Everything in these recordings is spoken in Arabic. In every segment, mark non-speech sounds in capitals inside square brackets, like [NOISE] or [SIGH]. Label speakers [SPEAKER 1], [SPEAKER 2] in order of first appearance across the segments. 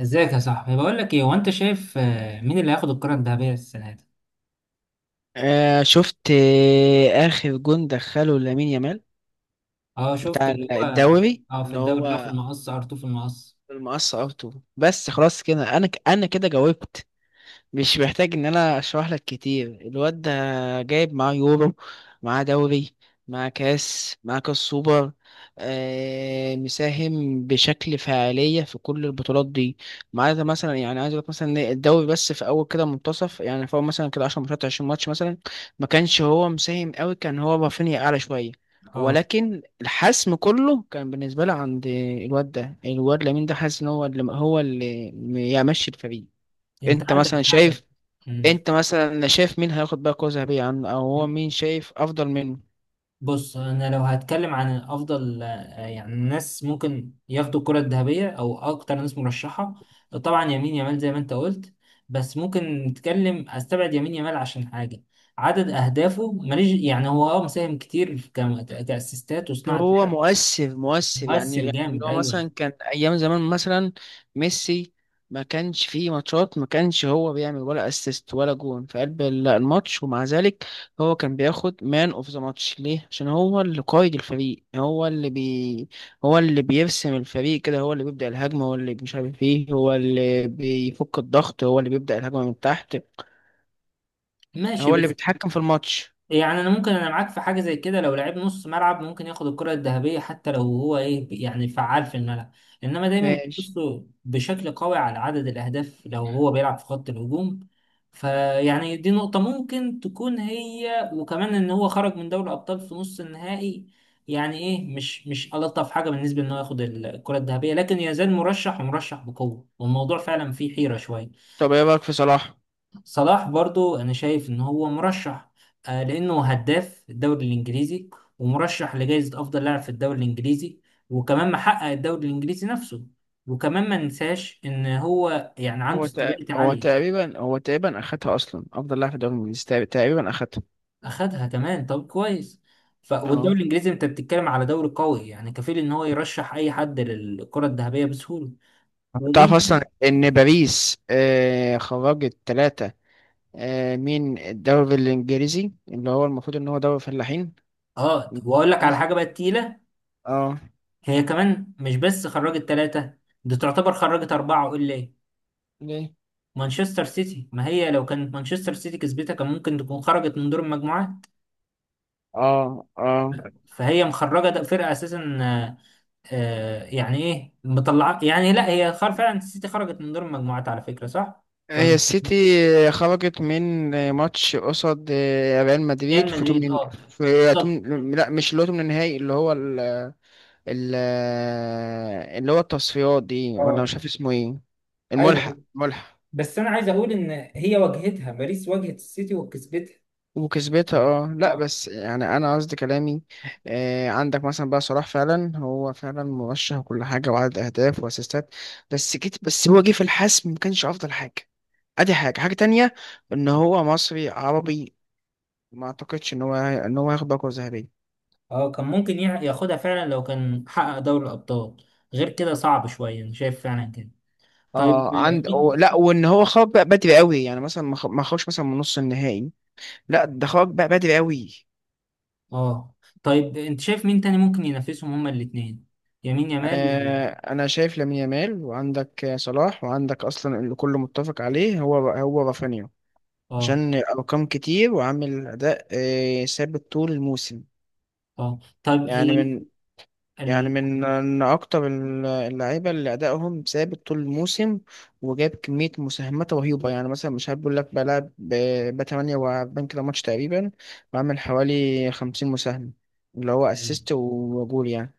[SPEAKER 1] ازيك يا صاحبي، بقول لك ايه، هو انت شايف مين اللي هياخد الكرة الذهبية السنة دي؟
[SPEAKER 2] شفت آخر جون دخله لامين يامال
[SPEAKER 1] اه، شفت
[SPEAKER 2] بتاع
[SPEAKER 1] اللي هو.
[SPEAKER 2] الدوري
[SPEAKER 1] اه، في
[SPEAKER 2] اللي
[SPEAKER 1] الدوري اللي هو في
[SPEAKER 2] هو
[SPEAKER 1] المقص ار في المقص.
[SPEAKER 2] المقص ارتو. بس خلاص كده انا كده جاوبت. مش محتاج ان انا اشرح لك كتير. الواد ده جايب معاه يورو، معاه دوري، معاه كاس، معاه كاس سوبر، آه مساهم بشكل فعالية في كل البطولات دي، ما عدا مثلا يعني عايز اقول لك مثلا إن الدوري بس في اول كده منتصف، يعني في اول مثلا كده 10 ماتشات 20 ماتش مثلا ما كانش هو مساهم قوي، كان هو رافينيا اعلى شوية.
[SPEAKER 1] اه
[SPEAKER 2] ولكن الحسم كله كان بالنسبة لي عند الواد ده، الواد لامين ده حاسس ان هو اللي يمشي الفريق.
[SPEAKER 1] انت
[SPEAKER 2] انت
[SPEAKER 1] عندك
[SPEAKER 2] مثلا
[SPEAKER 1] حق.
[SPEAKER 2] شايف،
[SPEAKER 1] مم.
[SPEAKER 2] انت مثلا شايف مين هياخد بقى كرة ذهبية عنه، او هو مين شايف افضل منه؟
[SPEAKER 1] بص، انا لو هتكلم عن افضل يعني ناس ممكن ياخدوا الكرة الذهبية او اكتر ناس مرشحة، طبعا يمين يامال زي ما انت قلت. بس ممكن نتكلم، استبعد يمين يامال عشان حاجة، عدد اهدافه ماليش، يعني هو مساهم كتير كاسيستات وصناعة
[SPEAKER 2] هو
[SPEAKER 1] لعب.
[SPEAKER 2] مؤثر يعني،
[SPEAKER 1] مؤثر
[SPEAKER 2] يعني اللي
[SPEAKER 1] جامد،
[SPEAKER 2] هو
[SPEAKER 1] ايوه.
[SPEAKER 2] مثلا كان ايام زمان مثلا ميسي، ما كانش فيه ماتشات ما كانش هو بيعمل ولا اسيست ولا جون في قلب الماتش، ومع ذلك هو كان بياخد مان اوف ذا ماتش. ليه؟ عشان هو اللي قائد الفريق، هو اللي بي، هو اللي بيرسم الفريق كده، هو اللي بيبدأ الهجمة، هو اللي مش عارف ايه، هو اللي بيفك الضغط، هو اللي بيبدأ الهجمة من تحت،
[SPEAKER 1] ماشي،
[SPEAKER 2] هو اللي
[SPEAKER 1] بس
[SPEAKER 2] بيتحكم في الماتش.
[SPEAKER 1] يعني انا ممكن انا معاك في حاجه زي كده، لو لعيب نص ملعب ممكن ياخد الكره الذهبيه حتى لو هو ايه، يعني فعال في الملعب، انما دايما
[SPEAKER 2] ماشي،
[SPEAKER 1] بيبصوا بشكل قوي على عدد الاهداف لو هو بيلعب في خط الهجوم. فيعني دي نقطه ممكن تكون، هي وكمان ان هو خرج من دوري الابطال في نص النهائي. يعني ايه، مش الطف حاجه بالنسبه ان هو ياخد الكره الذهبيه، لكن يزال مرشح ومرشح بقوه، والموضوع فعلا فيه حيره شويه.
[SPEAKER 2] طب ايه رايك في صلاح؟
[SPEAKER 1] صلاح برضو انا شايف ان هو مرشح، لانه هداف الدوري الانجليزي، ومرشح لجائزة افضل لاعب في الدوري الانجليزي، وكمان محقق الدوري الانجليزي نفسه، وكمان ما ننساش ان هو يعني عنده استابيليتي
[SPEAKER 2] هو
[SPEAKER 1] عالية.
[SPEAKER 2] تقريبا، هو تقريبا اخدها اصلا افضل لاعب في الدوري الانجليزي، تقريبا اخدها.
[SPEAKER 1] اخدها كمان، طب كويس. والدوري
[SPEAKER 2] اه،
[SPEAKER 1] الانجليزي انت بتتكلم على دوري قوي، يعني كفيل ان هو يرشح اي حد للكرة الذهبية بسهولة.
[SPEAKER 2] تعرف
[SPEAKER 1] ومين؟
[SPEAKER 2] اصلا ان باريس آه خرجت ثلاثة، آه من الدوري الانجليزي اللي هو المفروض ان هو دوري فلاحين.
[SPEAKER 1] اه، واقول لك على
[SPEAKER 2] باريس،
[SPEAKER 1] حاجة بقى تقيلة.
[SPEAKER 2] اه.
[SPEAKER 1] هي كمان مش بس خرجت ثلاثة، دي تعتبر خرجت أربعة وإلا إيه.
[SPEAKER 2] ليه؟
[SPEAKER 1] مانشستر سيتي، ما هي لو كانت مانشستر سيتي كسبتها كان ممكن تكون خرجت من دور المجموعات.
[SPEAKER 2] اه اه.
[SPEAKER 1] فهي مخرجه، ده فرقه اساسا. يعني ايه، مطلعه، يعني لا هي فعلا السيتي خرجت من دور المجموعات، على فكره صح
[SPEAKER 2] هي
[SPEAKER 1] ولا؟
[SPEAKER 2] السيتي خرجت من ماتش قصاد ريال مدريد
[SPEAKER 1] ريال
[SPEAKER 2] في
[SPEAKER 1] مدريد،
[SPEAKER 2] تمن،
[SPEAKER 1] اه.
[SPEAKER 2] في
[SPEAKER 1] بالظبط.
[SPEAKER 2] تمن، لا مش اللي هو تمن النهائي، اللي هو ال- اللي هو التصفيات دي، ولا
[SPEAKER 1] اه.
[SPEAKER 2] مش عارف اسمه ايه.
[SPEAKER 1] ايوه،
[SPEAKER 2] الملحق،
[SPEAKER 1] ايوه.
[SPEAKER 2] ملحق.
[SPEAKER 1] بس انا عايز اقول ان هي واجهتها باريس، واجهت السيتي وكسبتها.
[SPEAKER 2] وكسبتها، اه. لا
[SPEAKER 1] اه.
[SPEAKER 2] بس يعني انا قصدي كلامي، آه عندك مثلا بقى صلاح، فعلا هو فعلا مرشح وكل حاجه وعدد اهداف واسيستات، بس جيت بس هو جه في الحسم ما كانش افضل حاجه. ادي حاجه، حاجه تانية ان هو مصري عربي، ما اعتقدش ان هو هياخد باكو ذهبيه.
[SPEAKER 1] اه، كان ممكن ياخدها فعلا لو كان حقق دوري الابطال. غير كده صعب شويه، انا شايف فعلا كده. طيب.
[SPEAKER 2] اه عند لا، وان هو خرج بقى بدري قوي، يعني مثلا ما خرجش مثلا من نص النهائي. لا، ده خرج بقى بدري قوي.
[SPEAKER 1] اه، طيب انت شايف مين تاني ممكن ينافسهم هما الاثنين؟ يمين يامال
[SPEAKER 2] انا شايف لامين يامال، وعندك صلاح، وعندك اصلا اللي كله متفق عليه هو هو رافينيا،
[SPEAKER 1] اه.
[SPEAKER 2] عشان ارقام كتير وعامل اداء ثابت طول الموسم.
[SPEAKER 1] اه، طيب
[SPEAKER 2] يعني
[SPEAKER 1] هي
[SPEAKER 2] من، يعني
[SPEAKER 1] ال...
[SPEAKER 2] من من اكتر اللعيبه اللي ادائهم ثابت طول الموسم، وجاب كميه مساهمات رهيبه. يعني مثلا مش هقول لك بلعب ب 48 كده ماتش تقريبا، بعمل حوالي 50 مساهمه، اللي هو
[SPEAKER 1] ال...
[SPEAKER 2] اسيست وجول يعني.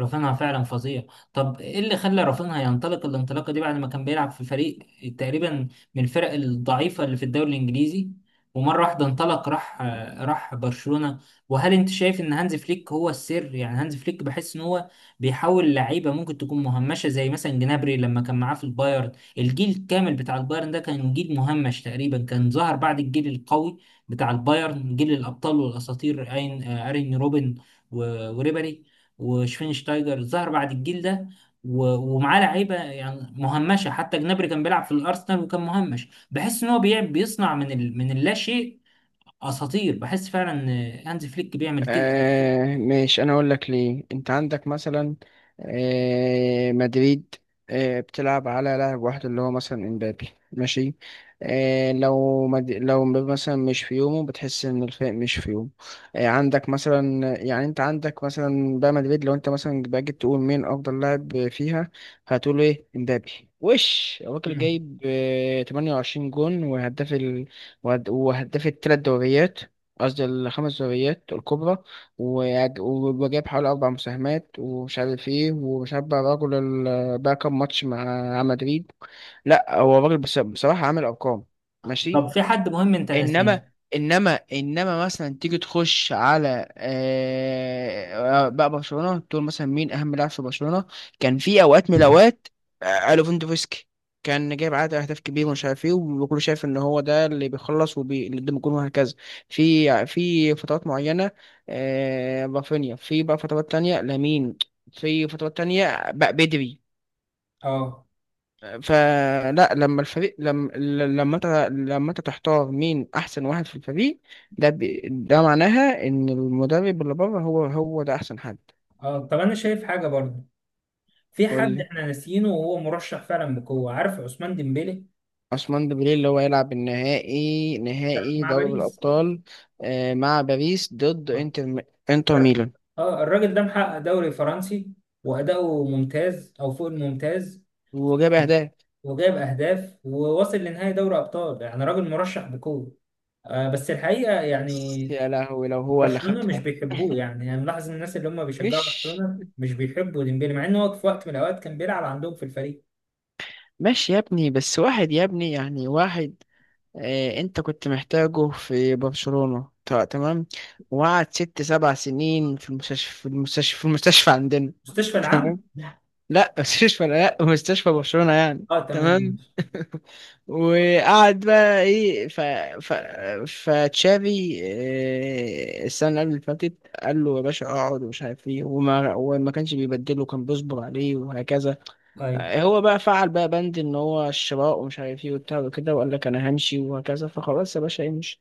[SPEAKER 1] رافينها فعلا فظيع. طب ايه اللي خلى رافينها ينطلق الانطلاقه دي، بعد ما كان بيلعب في فريق تقريبا من الفرق الضعيفه اللي في الدوري الانجليزي، ومره واحده انطلق، راح راح برشلونه؟ وهل انت شايف ان هانز فليك هو السر؟ يعني هانز فليك بحس ان هو بيحاول لعيبه ممكن تكون مهمشه، زي مثلا جنابري لما كان معاه في البايرن. الجيل الكامل بتاع البايرن ده كان جيل مهمش، تقريبا كان ظهر بعد الجيل القوي بتاع البايرن، جيل الابطال والاساطير، اين ارين روبن و- وريبري وشفينشتايجر، ظهر بعد الجيل ده. و- ومعاه لعيبه يعني مهمشه، حتى جنابري كان بيلعب في الارسنال وكان مهمش. بحس ان هو بيصنع من من اللا شيء اساطير، بحس فعلا ان هانز فليك بيعمل كده.
[SPEAKER 2] ماشي، انا اقول لك ليه. انت عندك مثلا آه مدريد، آه بتلعب على لاعب واحد اللي هو مثلا امبابي، ماشي. آه لو مبابي مثلا مش في يومه، بتحس ان الفريق مش في يومه. آه عندك مثلا يعني، انت عندك مثلا بقى مدريد، لو انت مثلا باجي تقول مين افضل لاعب فيها، هتقول ايه؟ امبابي. وش الراجل
[SPEAKER 1] مم.
[SPEAKER 2] جايب؟ آه 28 جون، وهداف وهداف الثلاث دوريات، قصدي الخمس دوريات الكبرى، وجاب حوالي أربع مساهمات ومش عارف إيه، ومش عارف بقى الراجل بقى كام ماتش مع مدريد. لأ، هو الراجل بصراحة عامل أرقام،
[SPEAKER 1] طب
[SPEAKER 2] ماشي.
[SPEAKER 1] في حد مهم انت ناسيه؟
[SPEAKER 2] انما، انما، انما مثلا تيجي تخش على بقى برشلونه، تقول مثلا مين اهم لاعب في برشلونه؟ كان في اوقات من الاوقات ليفاندوفسكي كان جايب عدد اهداف كبير ومش عارف ايه، وكله شايف ان هو ده اللي بيخلص وبي اللي قدام الجون وهكذا. في فترات معينه رافينيا، في بقى فترات تانية لامين، في فترات تانية بقى بدري.
[SPEAKER 1] اه،
[SPEAKER 2] فلا، لما الفريق، لما، لما انت، لما انت تحتار مين احسن واحد في الفريق، ده معناها ان المدرب اللي بره هو، هو ده احسن حد.
[SPEAKER 1] اه، طب انا شايف حاجه برضه، في
[SPEAKER 2] قول
[SPEAKER 1] حد
[SPEAKER 2] لي.
[SPEAKER 1] احنا ناسيينه وهو مرشح فعلا بقوه، عارف، عثمان ديمبélé،
[SPEAKER 2] عثمان ديمبلي اللي هو يلعب النهائي، نهائي
[SPEAKER 1] مع
[SPEAKER 2] دوري
[SPEAKER 1] باريس.
[SPEAKER 2] الابطال، مع باريس ضد
[SPEAKER 1] اه.
[SPEAKER 2] انتر، انتر ميلان.
[SPEAKER 1] اه، الراجل ده محقق دوري فرنسي، واداؤه ممتاز او فوق الممتاز،
[SPEAKER 2] وجاب اهداف.
[SPEAKER 1] وجايب اهداف وواصل لنهائي دوري ابطال، يعني راجل مرشح بقوه، بس الحقيقه يعني
[SPEAKER 2] يا لهوي لو هو اللي
[SPEAKER 1] برشلونه مش
[SPEAKER 2] خدها.
[SPEAKER 1] بيحبوه، يعني انا ملاحظ إن الناس اللي هم بيشجعوا
[SPEAKER 2] مش
[SPEAKER 1] برشلونه مش بيحبوا ديمبلي مع ان هو في وقت من الاوقات كان بيلعب عندهم في الفريق.
[SPEAKER 2] ماشي يا ابني، بس واحد يا ابني، يعني واحد. انت كنت محتاجه في برشلونة تمام، وقعد ست سبع سنين في المستشفى، في المستشفى، في المستشفى عندنا.
[SPEAKER 1] مستشفى
[SPEAKER 2] [LAUGHS] تمام.
[SPEAKER 1] العام.
[SPEAKER 2] لا مستشفى، لا مستشفى برشلونة يعني.
[SPEAKER 1] اه تمام
[SPEAKER 2] تمام.
[SPEAKER 1] ماشي.
[SPEAKER 2] [LAUGHS] وقعد بقى ايه، ف، ف، فتشافي السنة اللي قبل اللي فاتت قال له يا باشا اقعد ومش عارف ايه، وما كانش بيبدله، كان بيصبر عليه وهكذا.
[SPEAKER 1] طيب.
[SPEAKER 2] هو بقى فعل بقى بند ان هو الشراء ومش عارف ايه وبتاع وكده، وقال لك انا همشي وهكذا. فخلاص يا باشا امشي.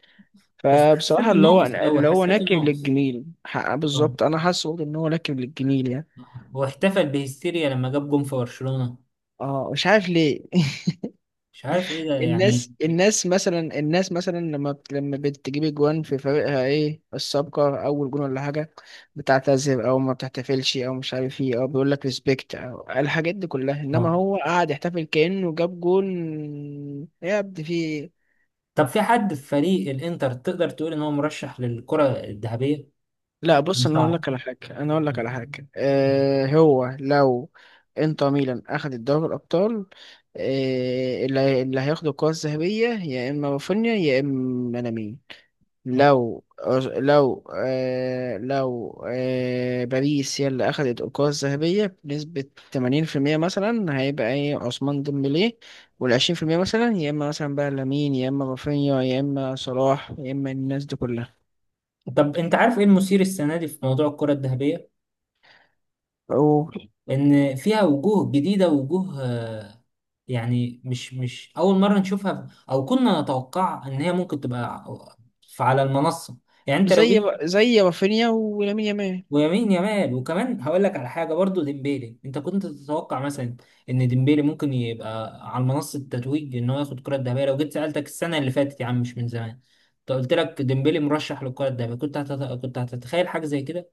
[SPEAKER 1] بس
[SPEAKER 2] فبصراحه
[SPEAKER 1] حسيته
[SPEAKER 2] اللي هو
[SPEAKER 1] ناقص أوي،
[SPEAKER 2] اللي هو
[SPEAKER 1] حسيته
[SPEAKER 2] ناكب
[SPEAKER 1] ناقص.
[SPEAKER 2] للجميل
[SPEAKER 1] اه.
[SPEAKER 2] بالظبط، انا حاسس برضه ان هو ناكب للجميل يعني.
[SPEAKER 1] آه. واحتفل بهستيريا لما جاب جون في برشلونة.
[SPEAKER 2] اه مش عارف ليه. [LAUGHS]
[SPEAKER 1] مش عارف ايه ده يعني.
[SPEAKER 2] الناس، الناس مثلا لما بتجيب اجوان في فريقها، ايه السابقه اول جون ولا حاجه، بتعتذر او ما بتحتفلش او مش عارف ايه، او بيقول لك ريسبكت او الحاجات دي كلها، انما
[SPEAKER 1] اه.
[SPEAKER 2] هو قاعد يحتفل كانه جاب جون. يا ابني في إيه؟
[SPEAKER 1] طب في حد في فريق الانتر تقدر تقول ان هو مرشح للكرة الذهبية؟
[SPEAKER 2] لا بص، انا اقول
[SPEAKER 1] صعب.
[SPEAKER 2] لك على حاجه، انا اقول لك على حاجه. آه هو لو انتر ميلان اخد الدوري الابطال، آه اللي هياخد الكره الذهبيه يا اما رافينيا يا اما لامين.
[SPEAKER 1] آه.
[SPEAKER 2] لو، لو آه باريس هي اللي اخدت الكره الذهبيه بنسبه 80% مثلا، هيبقى ايه؟ عثمان ديمبلي. وال 20% مثلا يا اما مثلا بقى لامين يا اما رافينيا يا اما صلاح يا اما الناس دي كلها.
[SPEAKER 1] طب انت عارف ايه المثير السنه دي في موضوع الكره الذهبيه؟ لان فيها وجوه جديده، وجوه يعني مش اول مره نشوفها، او كنا نتوقع ان هي ممكن تبقى على المنصه. يعني انت لو
[SPEAKER 2] زي
[SPEAKER 1] جيت،
[SPEAKER 2] ما- زي رافينيا ولامين يامال.
[SPEAKER 1] ويمين يمال، وكمان هقول لك على حاجه برضو ديمبيلي، انت كنت تتوقع مثلا ان ديمبيلي ممكن يبقى على منصه التتويج، ان هو ياخد الكره الذهبيه؟ لو جيت سالتك السنه اللي فاتت، يا عم مش من زمان، انت قلت لك ديمبيلي مرشح للكره الذهبيه، كنت هتتخيل حاجه زي كده؟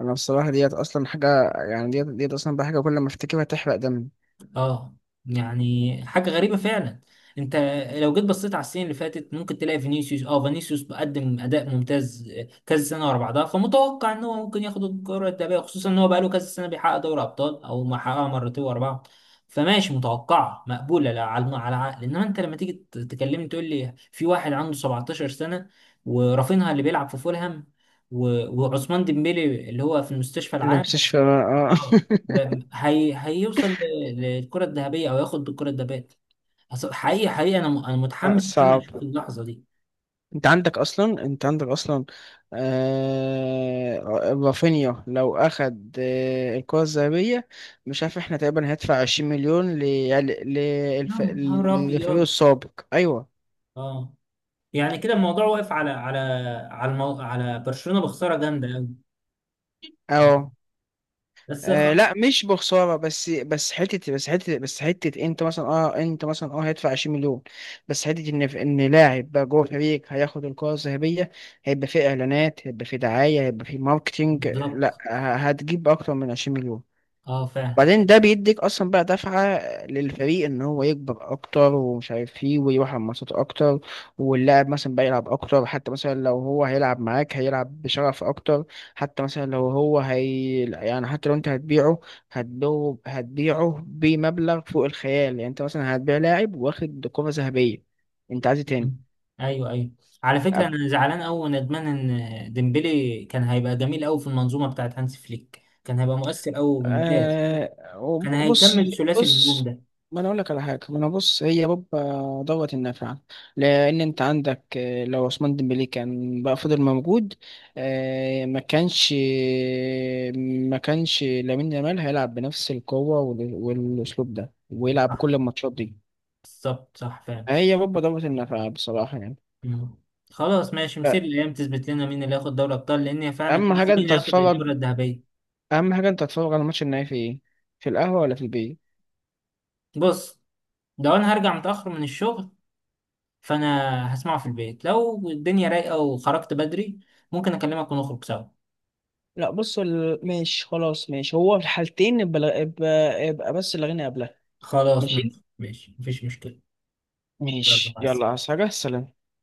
[SPEAKER 2] انا بصراحه ديت اصلا حاجه، يعني ديت اصلا بقى حاجه كل ما افتكرها تحرق دمي.
[SPEAKER 1] اه. يعني حاجة غريبة فعلا. انت لو جيت بصيت على السنين اللي فاتت ممكن تلاقي فينيسيوس، اه فينيسيوس بقدم اداء ممتاز كذا سنة ورا بعضها، فمتوقع ان هو ممكن ياخد الكرة الذهبية، خصوصا ان هو بقاله كذا سنة بيحقق دوري ابطال، او ما حققها مرتين ورا بعض. فماشي، متوقعة مقبولة لا على على العقل. انما انت لما تيجي تكلمني تقول لي في واحد عنده 17 سنة، ورافينها اللي بيلعب في فولهام، و- وعثمان ديمبélé اللي هو في المستشفى العام،
[SPEAKER 2] المستشفى، آه.
[SPEAKER 1] هي هيوصل للكرة الذهبية، او ياخد بالكرة الذهبية؟ حقيقي حقيقي انا انا
[SPEAKER 2] [LAUGHS]
[SPEAKER 1] متحمس ان انا
[SPEAKER 2] صعب.
[SPEAKER 1] اشوف اللحظة دي.
[SPEAKER 2] انت عندك اصلا آه رافينيا لو اخد آه الكرة الذهبية، مش عارف احنا تقريبا هندفع 20 مليون يعني
[SPEAKER 1] يا نهار
[SPEAKER 2] للفريق
[SPEAKER 1] ابيض.
[SPEAKER 2] السابق، ايوه.
[SPEAKER 1] اه، يعني كده الموضوع واقف على على على على برشلونة بخسارة جامدة قوي.
[SPEAKER 2] اه.
[SPEAKER 1] بس
[SPEAKER 2] آه
[SPEAKER 1] خ...
[SPEAKER 2] لا مش بخساره، بس بس حته، بس حته، بس حته انت مثلا اه، انت مثلا اه هيدفع 20 مليون. بس حته ان لاعب بقى جوه فريق هياخد الكره الذهبيه، هيبقى فيه اعلانات، هيبقى فيه دعايه، هيبقى فيه ماركتينج.
[SPEAKER 1] بالظبط.
[SPEAKER 2] لا، هتجيب اكتر من 20 مليون.
[SPEAKER 1] اه فعلا.
[SPEAKER 2] بعدين ده بيديك اصلا بقى دفعة للفريق ان هو يكبر اكتر ومش عارف ايه، ويروح على الماتشات اكتر، واللاعب مثلا بقى يلعب اكتر. حتى مثلا لو هو هيلعب معاك هيلعب بشغف اكتر. حتى مثلا لو هو هي يعني، حتى لو انت هتبيعه، هتبيعه بمبلغ فوق الخيال. يعني انت مثلا هتبيع لاعب واخد كرة ذهبية، انت عايز إيه تاني؟
[SPEAKER 1] ايوه ايوه. على فكرة انا زعلان قوي وندمان ان ديمبلي كان هيبقى جميل قوي في المنظومة بتاعت هانس فليك، كان هيبقى مؤثر قوي وممتاز، كان
[SPEAKER 2] بص.
[SPEAKER 1] هيكمل ثلاثي الهجوم
[SPEAKER 2] بص،
[SPEAKER 1] ده.
[SPEAKER 2] ما انا اقول لك على حاجه، ما انا بص، هي بابا دوت النافعه. لان انت عندك لو عثمان ديمبلي كان بقى فضل موجود، آه ما كانش لامين يامال هيلعب بنفس القوه والاسلوب ده ويلعب
[SPEAKER 1] صح.
[SPEAKER 2] كل الماتشات دي.
[SPEAKER 1] بالظبط، صح فعلا.
[SPEAKER 2] هي بابا دوت النافعه بصراحه يعني.
[SPEAKER 1] مم. خلاص ماشي، مثير،
[SPEAKER 2] ف-
[SPEAKER 1] الايام تثبت لنا مين اللي هياخد دوري ابطال، لان هي فعلا
[SPEAKER 2] اهم
[SPEAKER 1] خلاص،
[SPEAKER 2] حاجه
[SPEAKER 1] مين
[SPEAKER 2] انت
[SPEAKER 1] اللي هياخد
[SPEAKER 2] تتفرج،
[SPEAKER 1] الكره الذهبيه.
[SPEAKER 2] اهم حاجه انت تتفرج على الماتش النهائي في ايه؟ في القهوه ولا في البيت؟
[SPEAKER 1] بص، لو انا هرجع متاخر من الشغل فانا هسمعه في البيت، لو الدنيا رايقه وخرجت بدري ممكن اكلمك ونخرج سوا.
[SPEAKER 2] لا بص ماشي، خلاص ماشي، هو في الحالتين يبقى، يبقى بس الغنى قبلها.
[SPEAKER 1] خلاص
[SPEAKER 2] ماشي،
[SPEAKER 1] ماشي، ماشي، مفيش مشكله. يلا
[SPEAKER 2] ماشي،
[SPEAKER 1] مع
[SPEAKER 2] يلا،
[SPEAKER 1] السلامه.
[SPEAKER 2] عايز حاجة؟ سلام.